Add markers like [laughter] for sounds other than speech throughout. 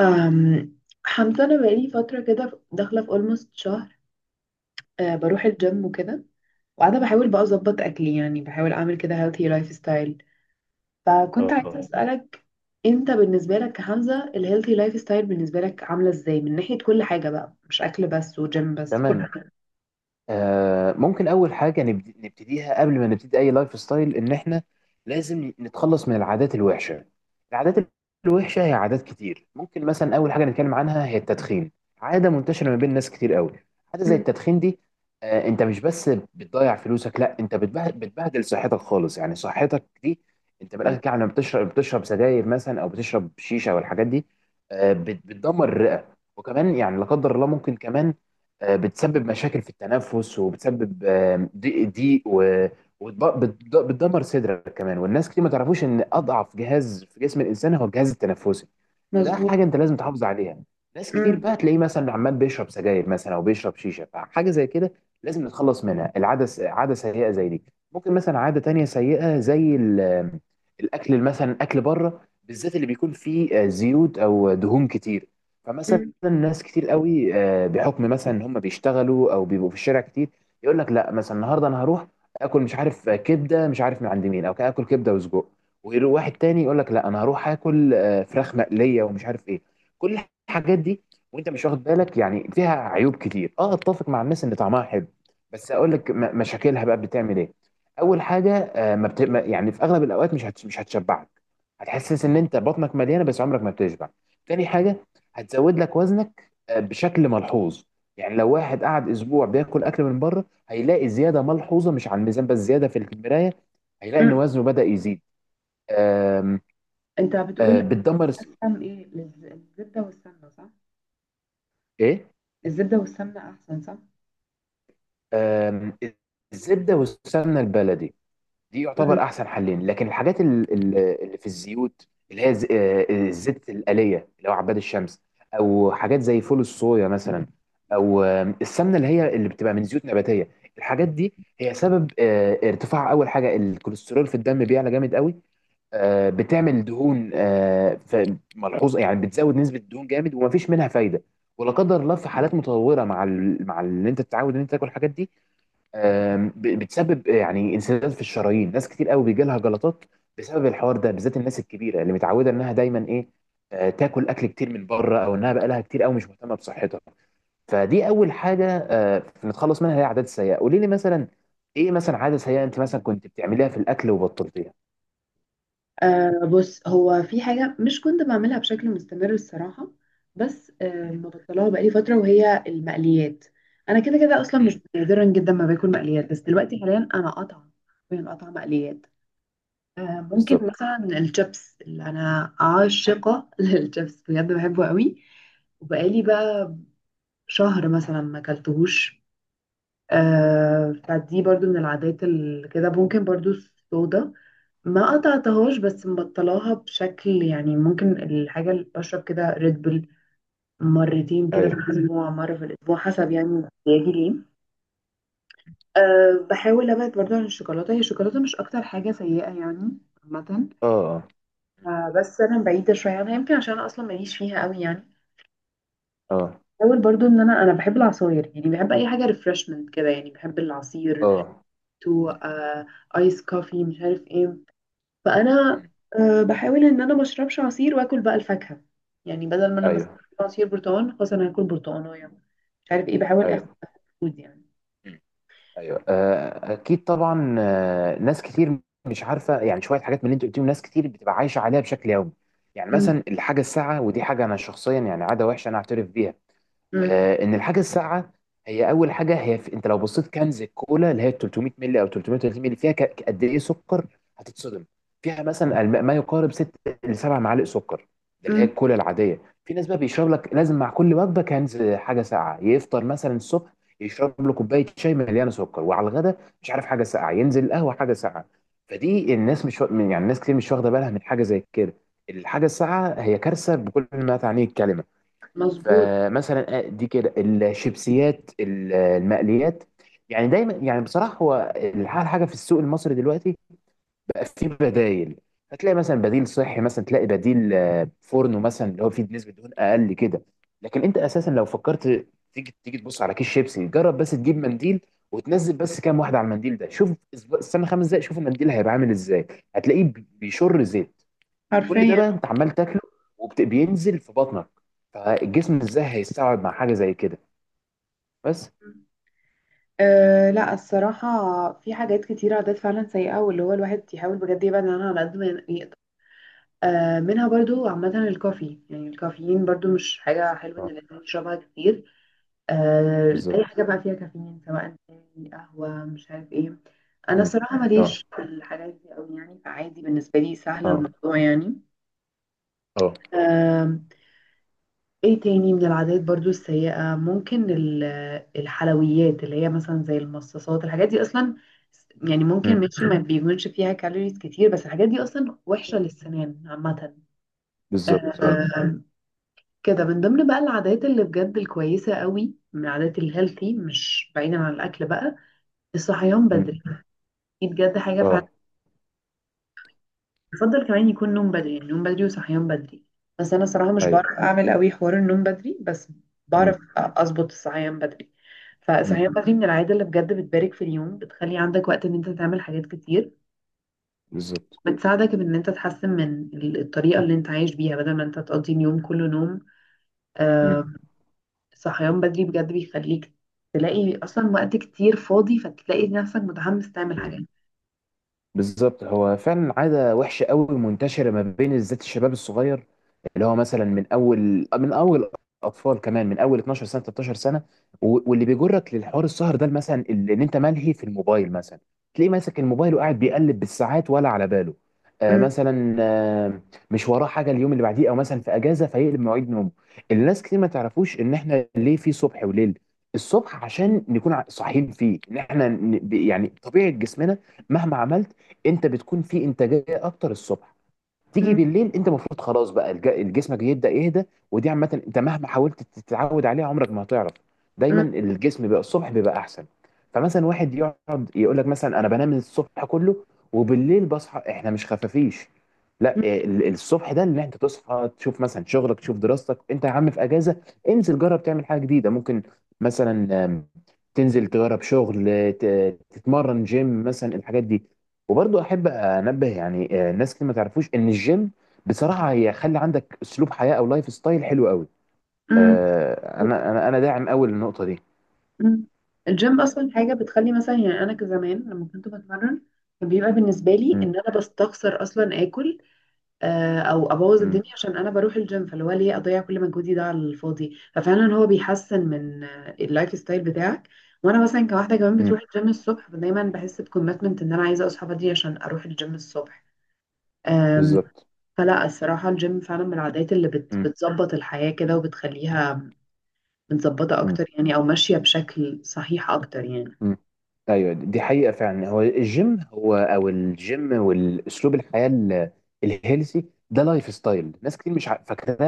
أم حمزة، أنا بقالي فترة كده داخلة في almost شهر. بروح الجيم وكده. وقاعدة بحاول بقى أظبط أكلي، يعني بحاول أعمل كده healthy lifestyle. فكنت عايزة اه. أسألك، أنت بالنسبة لك كحمزة ال healthy lifestyle بالنسبة لك عاملة إزاي؟ من ناحية كل حاجة بقى، مش أكل بس وجيم بس، كل تمام. حاجة. ممكن اول حاجه نبتديها قبل ما نبتدي اي لايف ستايل ان احنا لازم نتخلص من العادات الوحشه العادات الوحشه هي عادات كتير. ممكن مثلا اول حاجه نتكلم عنها هي التدخين. عاده منتشره ما بين ناس كتير قوي. حاجه زي أم. التدخين دي، انت مش بس بتضيع فلوسك، لا انت بتبهدل صحتك خالص. يعني صحتك دي انت من أم. الاخر كده لما بتشرب، بتشرب سجاير مثلا او بتشرب شيشه والحاجات دي، بتدمر الرئه. وكمان يعني لا قدر الله ممكن كمان بتسبب مشاكل في التنفس، وبتسبب ضيق ضيق، وبتدمر صدرك كمان. والناس كتير ما تعرفوش ان اضعف جهاز في جسم الانسان هو الجهاز التنفسي. فده مظبوط. حاجه انت لازم تحافظ عليها. ناس كتير أم. بقى تلاقيه مثلا عمال بيشرب سجاير مثلا او بيشرب شيشه، فحاجه زي كده لازم نتخلص منها. عاده سيئه زي دي. ممكن مثلا عاده تانية سيئه زي الاكل مثلا، اكل بره بالذات اللي بيكون فيه زيوت او دهون كتير. فمثلا أم. ناس كتير قوي بحكم مثلا ان هم بيشتغلوا او بيبقوا في الشارع كتير، يقول لك لا مثلا النهارده انا هروح اكل مش عارف كبده، مش عارف من عند مين، او اكل كبده وسجق، ويروح واحد تاني يقول لك لا انا هروح اكل فراخ مقليه ومش عارف ايه. كل الحاجات دي وانت مش واخد بالك. يعني فيها عيوب كتير. اه، اتفق مع الناس ان طعمها حلو، بس اقول لك مشاكلها بقى بتعمل ايه. اول حاجه، آه، ما بت... ما- يعني في اغلب الاوقات مش هتشبعك. هتحسس ان انت بطنك مليانه بس عمرك ما بتشبع. تاني حاجه، هتزود لك وزنك بشكل ملحوظ. يعني لو واحد قعد اسبوع بياكل اكل من بره هيلاقي زياده ملحوظه، مش على الميزان بس، زياده في المرايه، هيلاقي ان أم. وزنه بدأ يزيد. آم، أنت آه، بتقول، بتدمر الس- أسهم إيه، الزبدة والسمنة، صح؟ ايه. الزبدة والسمنة أحسن، صح؟ آم، الزبده والسمنه البلدي دي يعتبر احسن حلين. لكن الحاجات اللي في الزيوت، اللي هي ز- آه، الزيت الآلية اللي هو عباد الشمس، او حاجات زي فول الصويا مثلا، او السمنة اللي هي اللي بتبقى من زيوت نباتية، الحاجات دي هي سبب ارتفاع اول حاجة الكوليسترول في الدم، بيعلى جامد قوي. بتعمل دهون ملحوظة، يعني بتزود نسبة الدهون جامد ومفيش منها فايدة. ولا قدر الله في حالات متطورة مع مع اللي انت تتعود ان انت تاكل الحاجات دي، بتسبب يعني انسداد في الشرايين. ناس كتير قوي بيجي لها جلطات بسبب الحوار ده، بالذات الناس الكبيره اللي متعوده انها دايما ايه، تاكل اكل كتير من بره، او انها بقى لها كتير قوي مش مهتمه بصحتها. فدي اول حاجه نتخلص منها، هي عادات سيئه. قولي لي مثلا، ايه مثلا عاده سيئه انت مثلا كنت بتعمليها في الاكل وبطلتيها؟ آه، بص هو في حاجة مش كنت بعملها بشكل مستمر الصراحة، بس مم. مبطلها بقالي فترة، وهي المقليات. أنا كده كده أصلا، مش مم. نادرا جدا ما باكل مقليات، بس دلوقتي حاليا أنا قاطعة. حرفياً قاطعة مقليات. ممكن بالظبط. مثلا الشيبس، اللي أنا عاشقة [laughs] للشيبس بجد، بحبه قوي. وبقالي بقى شهر مثلا ما أكلتهوش. فدي برضو من العادات اللي كده، ممكن برضو الصودا. ما قطعتهاش، بس مبطلاها بشكل يعني، ممكن الحاجة اللي بشرب كده ريد بول مرتين كده في ايوه. الأسبوع، مرة في الأسبوع، حسب يعني احتياجي ليه. بحاول ابعد برضو عن الشوكولاتة، هي الشوكولاتة مش أكتر حاجة سيئة يعني، عامة. اه. اه. مم. بس أنا بعيدة شوية عنها، يمكن عشان أنا أصلا ماليش فيها قوي يعني. اه. بحاول برضو إن أنا بحب العصاير، يعني بحب أي حاجة ريفرشمنت كده، يعني بحب العصير. اه. تو مم. آيس كوفي، مش عارف ايه. فانا مم. بحاول ان انا ما اشربش عصير، واكل بقى الفاكهه. يعني بدل ما انا مثلا ايوه. أكل عصير برتقال، خلاص انا هاكل برتقانه، مش عارف ايه. بحاول اخد ايوه. فود يعني. ايوه اكيد طبعا. ناس كتير مش عارفه يعني شويه حاجات من اللي انت قلتيهم ناس كتير بتبقى عايشه عليها بشكل يومي. يعني م- مثلا الحاجه الساعه، ودي حاجه انا شخصيا يعني عاده وحشه انا اعترف بيها، م- ان الحاجه الساقعه هي اول حاجه. هي في انت لو بصيت كنز الكولا اللي هي 300 مللي او 330 مللي، فيها قد ايه سكر؟ هتتصدم. فيها مثلا ما يقارب 6 ل 7 معالق سكر. ده اللي هي م. الكولا العاديه. في ناس بقى بيشرب لك لازم مع كل وجبه كنز حاجه ساقعه. يفطر مثلا الصبح يشرب له كوبايه شاي مليانه سكر، وعلى الغدا مش عارف حاجه ساقعه، ينزل قهوه حاجه ساقعه. فدي الناس مش يعني الناس كتير مش واخده بالها من حاجه زي كده. الحاجه الساقعه هي كارثه بكل ما تعنيه الكلمه. مظبوط. فمثلا دي كده الشيبسيات المقليات. يعني دايما يعني بصراحه هو الحاجه في السوق المصري دلوقتي بقى فيه بدايل. هتلاقي مثلا بديل صحي، مثلا تلاقي بديل فورنو مثلا اللي هو فيه نسبه دهون اقل كده. لكن انت اساسا لو فكرت تيجي تبص على كيس شيبسي، جرب بس تجيب منديل وتنزل بس كام واحده على المنديل ده. شوف، استنى خمس دقايق، شوف المنديل هيبقى عامل ازاي. هتلاقيه بيشر زيت. كل ده حرفيا. بقى انت عمال تاكله وبينزل في بطنك، فالجسم ازاي هيستوعب مع حاجه زي كده؟ بس. لا الصراحة، في حاجات كتيرة، عادات فعلا سيئة، واللي هو الواحد يحاول بجد يبعد عنها على قد ما يقدر. منها برضو عامة الكافي، يعني الكافيين، برضو مش حاجة حلوة إن اه. الإنسان يشربها كتير. بالظبط. اي حاجه بقى فيها كافيين، سواء شاي، قهوه، مش عارف ايه. انا مم. صراحه اه. ماليش في الحاجات دي قوي يعني، فعادي بالنسبه لي سهل اه. الموضوع يعني. اه. آم، ايه تاني من العادات برضو السيئة؟ ممكن الحلويات، اللي هي مثلا زي المصاصات، الحاجات دي اصلا يعني ممكن مم. ماشي، ما بيكونش فيها كالوريز كتير، بس الحاجات دي اصلا وحشة للسنان عامة. بالظبط. ايوه. آم، كده من ضمن بقى العادات اللي بجد الكويسة قوي من العادات الهيلثي، مش بعيدا عن الاكل بقى، الصحيان مم. بدري. دي بجد حاجة فعلا. اه. بفضل كمان يكون نوم بدري، يعني نوم بدري وصحيان بدري، بس أنا صراحة مش ايوه. بعرف أعمل قوي حوار النوم بدري، بس بعرف مم. أظبط الصحيان بدري. مم. فالصحيان بدري من العادة اللي بجد بتبارك في اليوم، بتخلي عندك وقت إن أنت تعمل حاجات كتير. بالظبط. بتساعدك بإن أنت تحسن من الطريقة اللي أنت عايش بيها، بدل ما أنت تقضي اليوم كله نوم. مم. آه، صحيان بدري بجد بيخليك تلاقي أصلا وقت كتير فاضي، فتلاقي نفسك متحمس تعمل حاجات. مم. بالظبط هو فعلا عادة وحشة قوي، منتشرة ما بين بالذات الشباب الصغير اللي هو مثلا من أول أطفال كمان، من أول 12 سنة 13 سنة. واللي بيجرك للحوار السهر ده مثلا إن أنت ملهي في الموبايل مثلا. تلاقيه ماسك الموبايل وقاعد بيقلب بالساعات ولا على باله. م- مثلا مش وراه حاجة اليوم اللي بعديه، أو مثلا في أجازة فيقلب مواعيد نومه. الناس كتير ما تعرفوش إن إحنا ليه في صبح وليل. الصبح عشان نكون صاحيين فيه، إن إحنا يعني طبيعة جسمنا مهما عملت انت بتكون في انتاجيه اكتر الصبح. تيجي م- بالليل انت المفروض خلاص بقى جسمك يبدا يهدى. ودي عامه انت مهما حاولت تتعود عليها عمرك ما هتعرف. دايما م- الجسم بقى الصبح بيبقى احسن. فمثلا واحد يقعد يقول لك مثلا انا بنام الصبح كله وبالليل بصحى. احنا مش خفافيش. لا، الصبح ده ان انت تصحى تشوف مثلا شغلك، تشوف دراستك. انت يا عم في اجازه، انزل جرب تعمل حاجه جديده. ممكن مثلا تنزل تجرب شغل، تتمرن جيم مثلا الحاجات دي. وبرضه احب انبه يعني الناس اللي ما تعرفوش ان الجيم بصراحه هي خلي عندك اسلوب حياه او لايف ستايل حلو قوي. م- م- انا داعم قوي للنقطه دي. مم. الجيم اصلا حاجه بتخلي مثلا، يعني انا كزمان لما كنت بتمرن، كان بيبقى بالنسبه لي ان امم. انا بستخسر اصلا اكل، او ابوظ امم. الدنيا عشان انا بروح الجيم، فاللي هو ليه اضيع كل مجهودي ده على الفاضي، ففعلا هو بيحسن من اللايف ستايل بتاعك. وانا مثلا كواحده كمان امم. بتروح الجيم الصبح، فدايما بحس بكوميتمنت ان انا عايزه اصحى بدري عشان اروح الجيم الصبح. آم، بالظبط. فلا الصراحه الجيم فعلا من العادات اللي بتظبط الحياه كده وبتخليها متظبطه امم. اكتر يعني، او ماشيه بشكل صحيح اكتر يعني. مم. ايوه دي حقيقه فعلا. هو الجيم هو او الجيم والاسلوب الحياه الهيلثي ده لايف ستايل ناس كتير مش فاكراه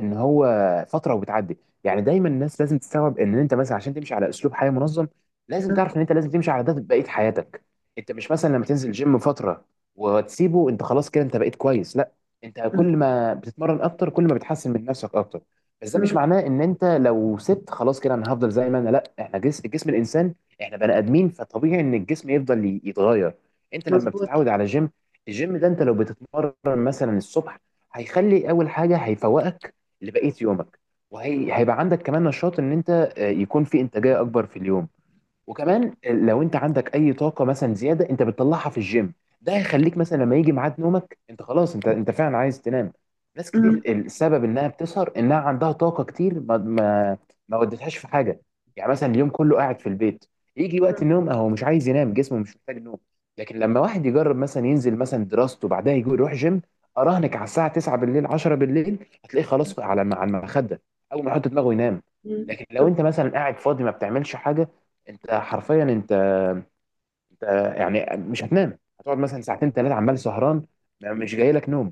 ان هو فتره وبتعدي. يعني دايما الناس لازم تستوعب ان انت مثلا عشان تمشي على اسلوب حياه منظم لازم تعرف ان انت لازم تمشي على ده بقيه حياتك. انت مش مثلا لما تنزل جيم فتره وتسيبه انت خلاص كده انت بقيت كويس، لا. انت مم. كل ما بتتمرن اكتر كل ما بتحسن من نفسك اكتر، بس ده مش مم. معناه ان انت لو سبت خلاص كده انا هفضل زي ما انا، لا، احنا جسم الانسان، احنا بني ادمين، فطبيعي ان الجسم يفضل يتغير. انت لما مظبوط. بتتعود على جيم، الجيم ده انت لو بتتمرن مثلا الصبح، هيخلي اول حاجه هيفوقك لبقيه يومك. وهيبقى عندك كمان نشاط ان انت يكون في انتاجيه اكبر في اليوم. وكمان لو انت عندك اي طاقه مثلا زياده انت بتطلعها في الجيم. ده هيخليك مثلا لما يجي ميعاد نومك انت خلاص انت فعلا عايز تنام. ناس كتير مم. السبب انها بتسهر انها عندها طاقه كتير ما ودتهاش في حاجه. يعني مثلا اليوم كله قاعد في البيت، يجي وقت مم. النوم اهو مش عايز ينام جسمه مش محتاج نوم. لكن لما واحد يجرب مثلا ينزل مثلا دراسته، بعدها يجي يروح جيم، اراهنك على الساعه 9 بالليل 10 بالليل هتلاقيه خلاص على المخده اول ما يحط دماغه ينام. مم. لكن لو طب- انت مثلا قاعد فاضي ما بتعملش حاجه، انت حرفيا انت يعني مش هتنام. هتقعد مثلا ساعتين ثلاثه عمال سهران، مش جاي لك نوم.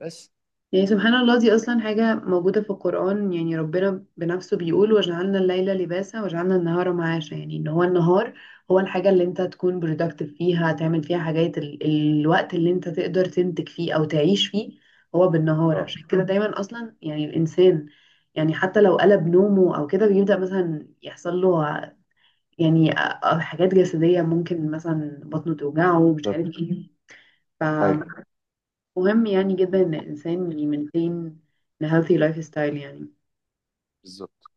بس. يعني سبحان الله، دي أصلا حاجة موجودة في القرآن، يعني ربنا بنفسه بيقول: وجعلنا الليل لباسا وجعلنا النهار معاشا، يعني إن هو النهار هو الحاجة اللي أنت تكون productive فيها، تعمل فيها حاجات الوقت اللي أنت تقدر تنتج فيه أو تعيش فيه، هو بالنهار. اه. عشان كده دايما أصلا يعني الإنسان، يعني حتى لو قلب نومه أو كده، بيبدأ مثلا يحصل له يعني حاجات جسدية، ممكن مثلا بطنه توجعه ومش عارف بالظبط. ايه. مم. ايوه. فمهم يعني جدا ان الانسان يمنتين a healthy لايف ستايل يعني. بالظبط.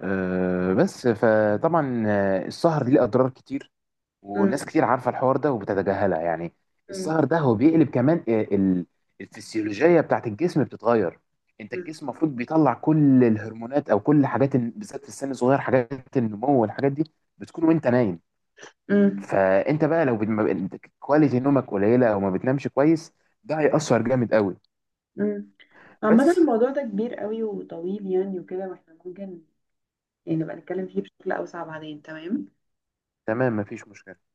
أه بس فطبعا السهر ليه اضرار كتير مم. والناس كتير عارفه الحوار ده وبتتجاهلها يعني. مم. السهر ده هو بيقلب كمان الفسيولوجيه بتاعت الجسم بتتغير. انت مم. الجسم المفروض بيطلع كل الهرمونات او كل حاجات بالذات في السن الصغير حاجات النمو والحاجات دي بتكون وانت نايم. مم. فانت بقى لو بت- ما بت- كواليتي نومك قليله او ما بتنامش كويس، ده هيأثر جامد قوي. مم. عامة بس. الموضوع ده كبير قوي وطويل يعني وكده، واحنا ممكن يعني نبقى نتكلم فيه بشكل أوسع بعدين، تمام؟ تمام. مفيش مشكله.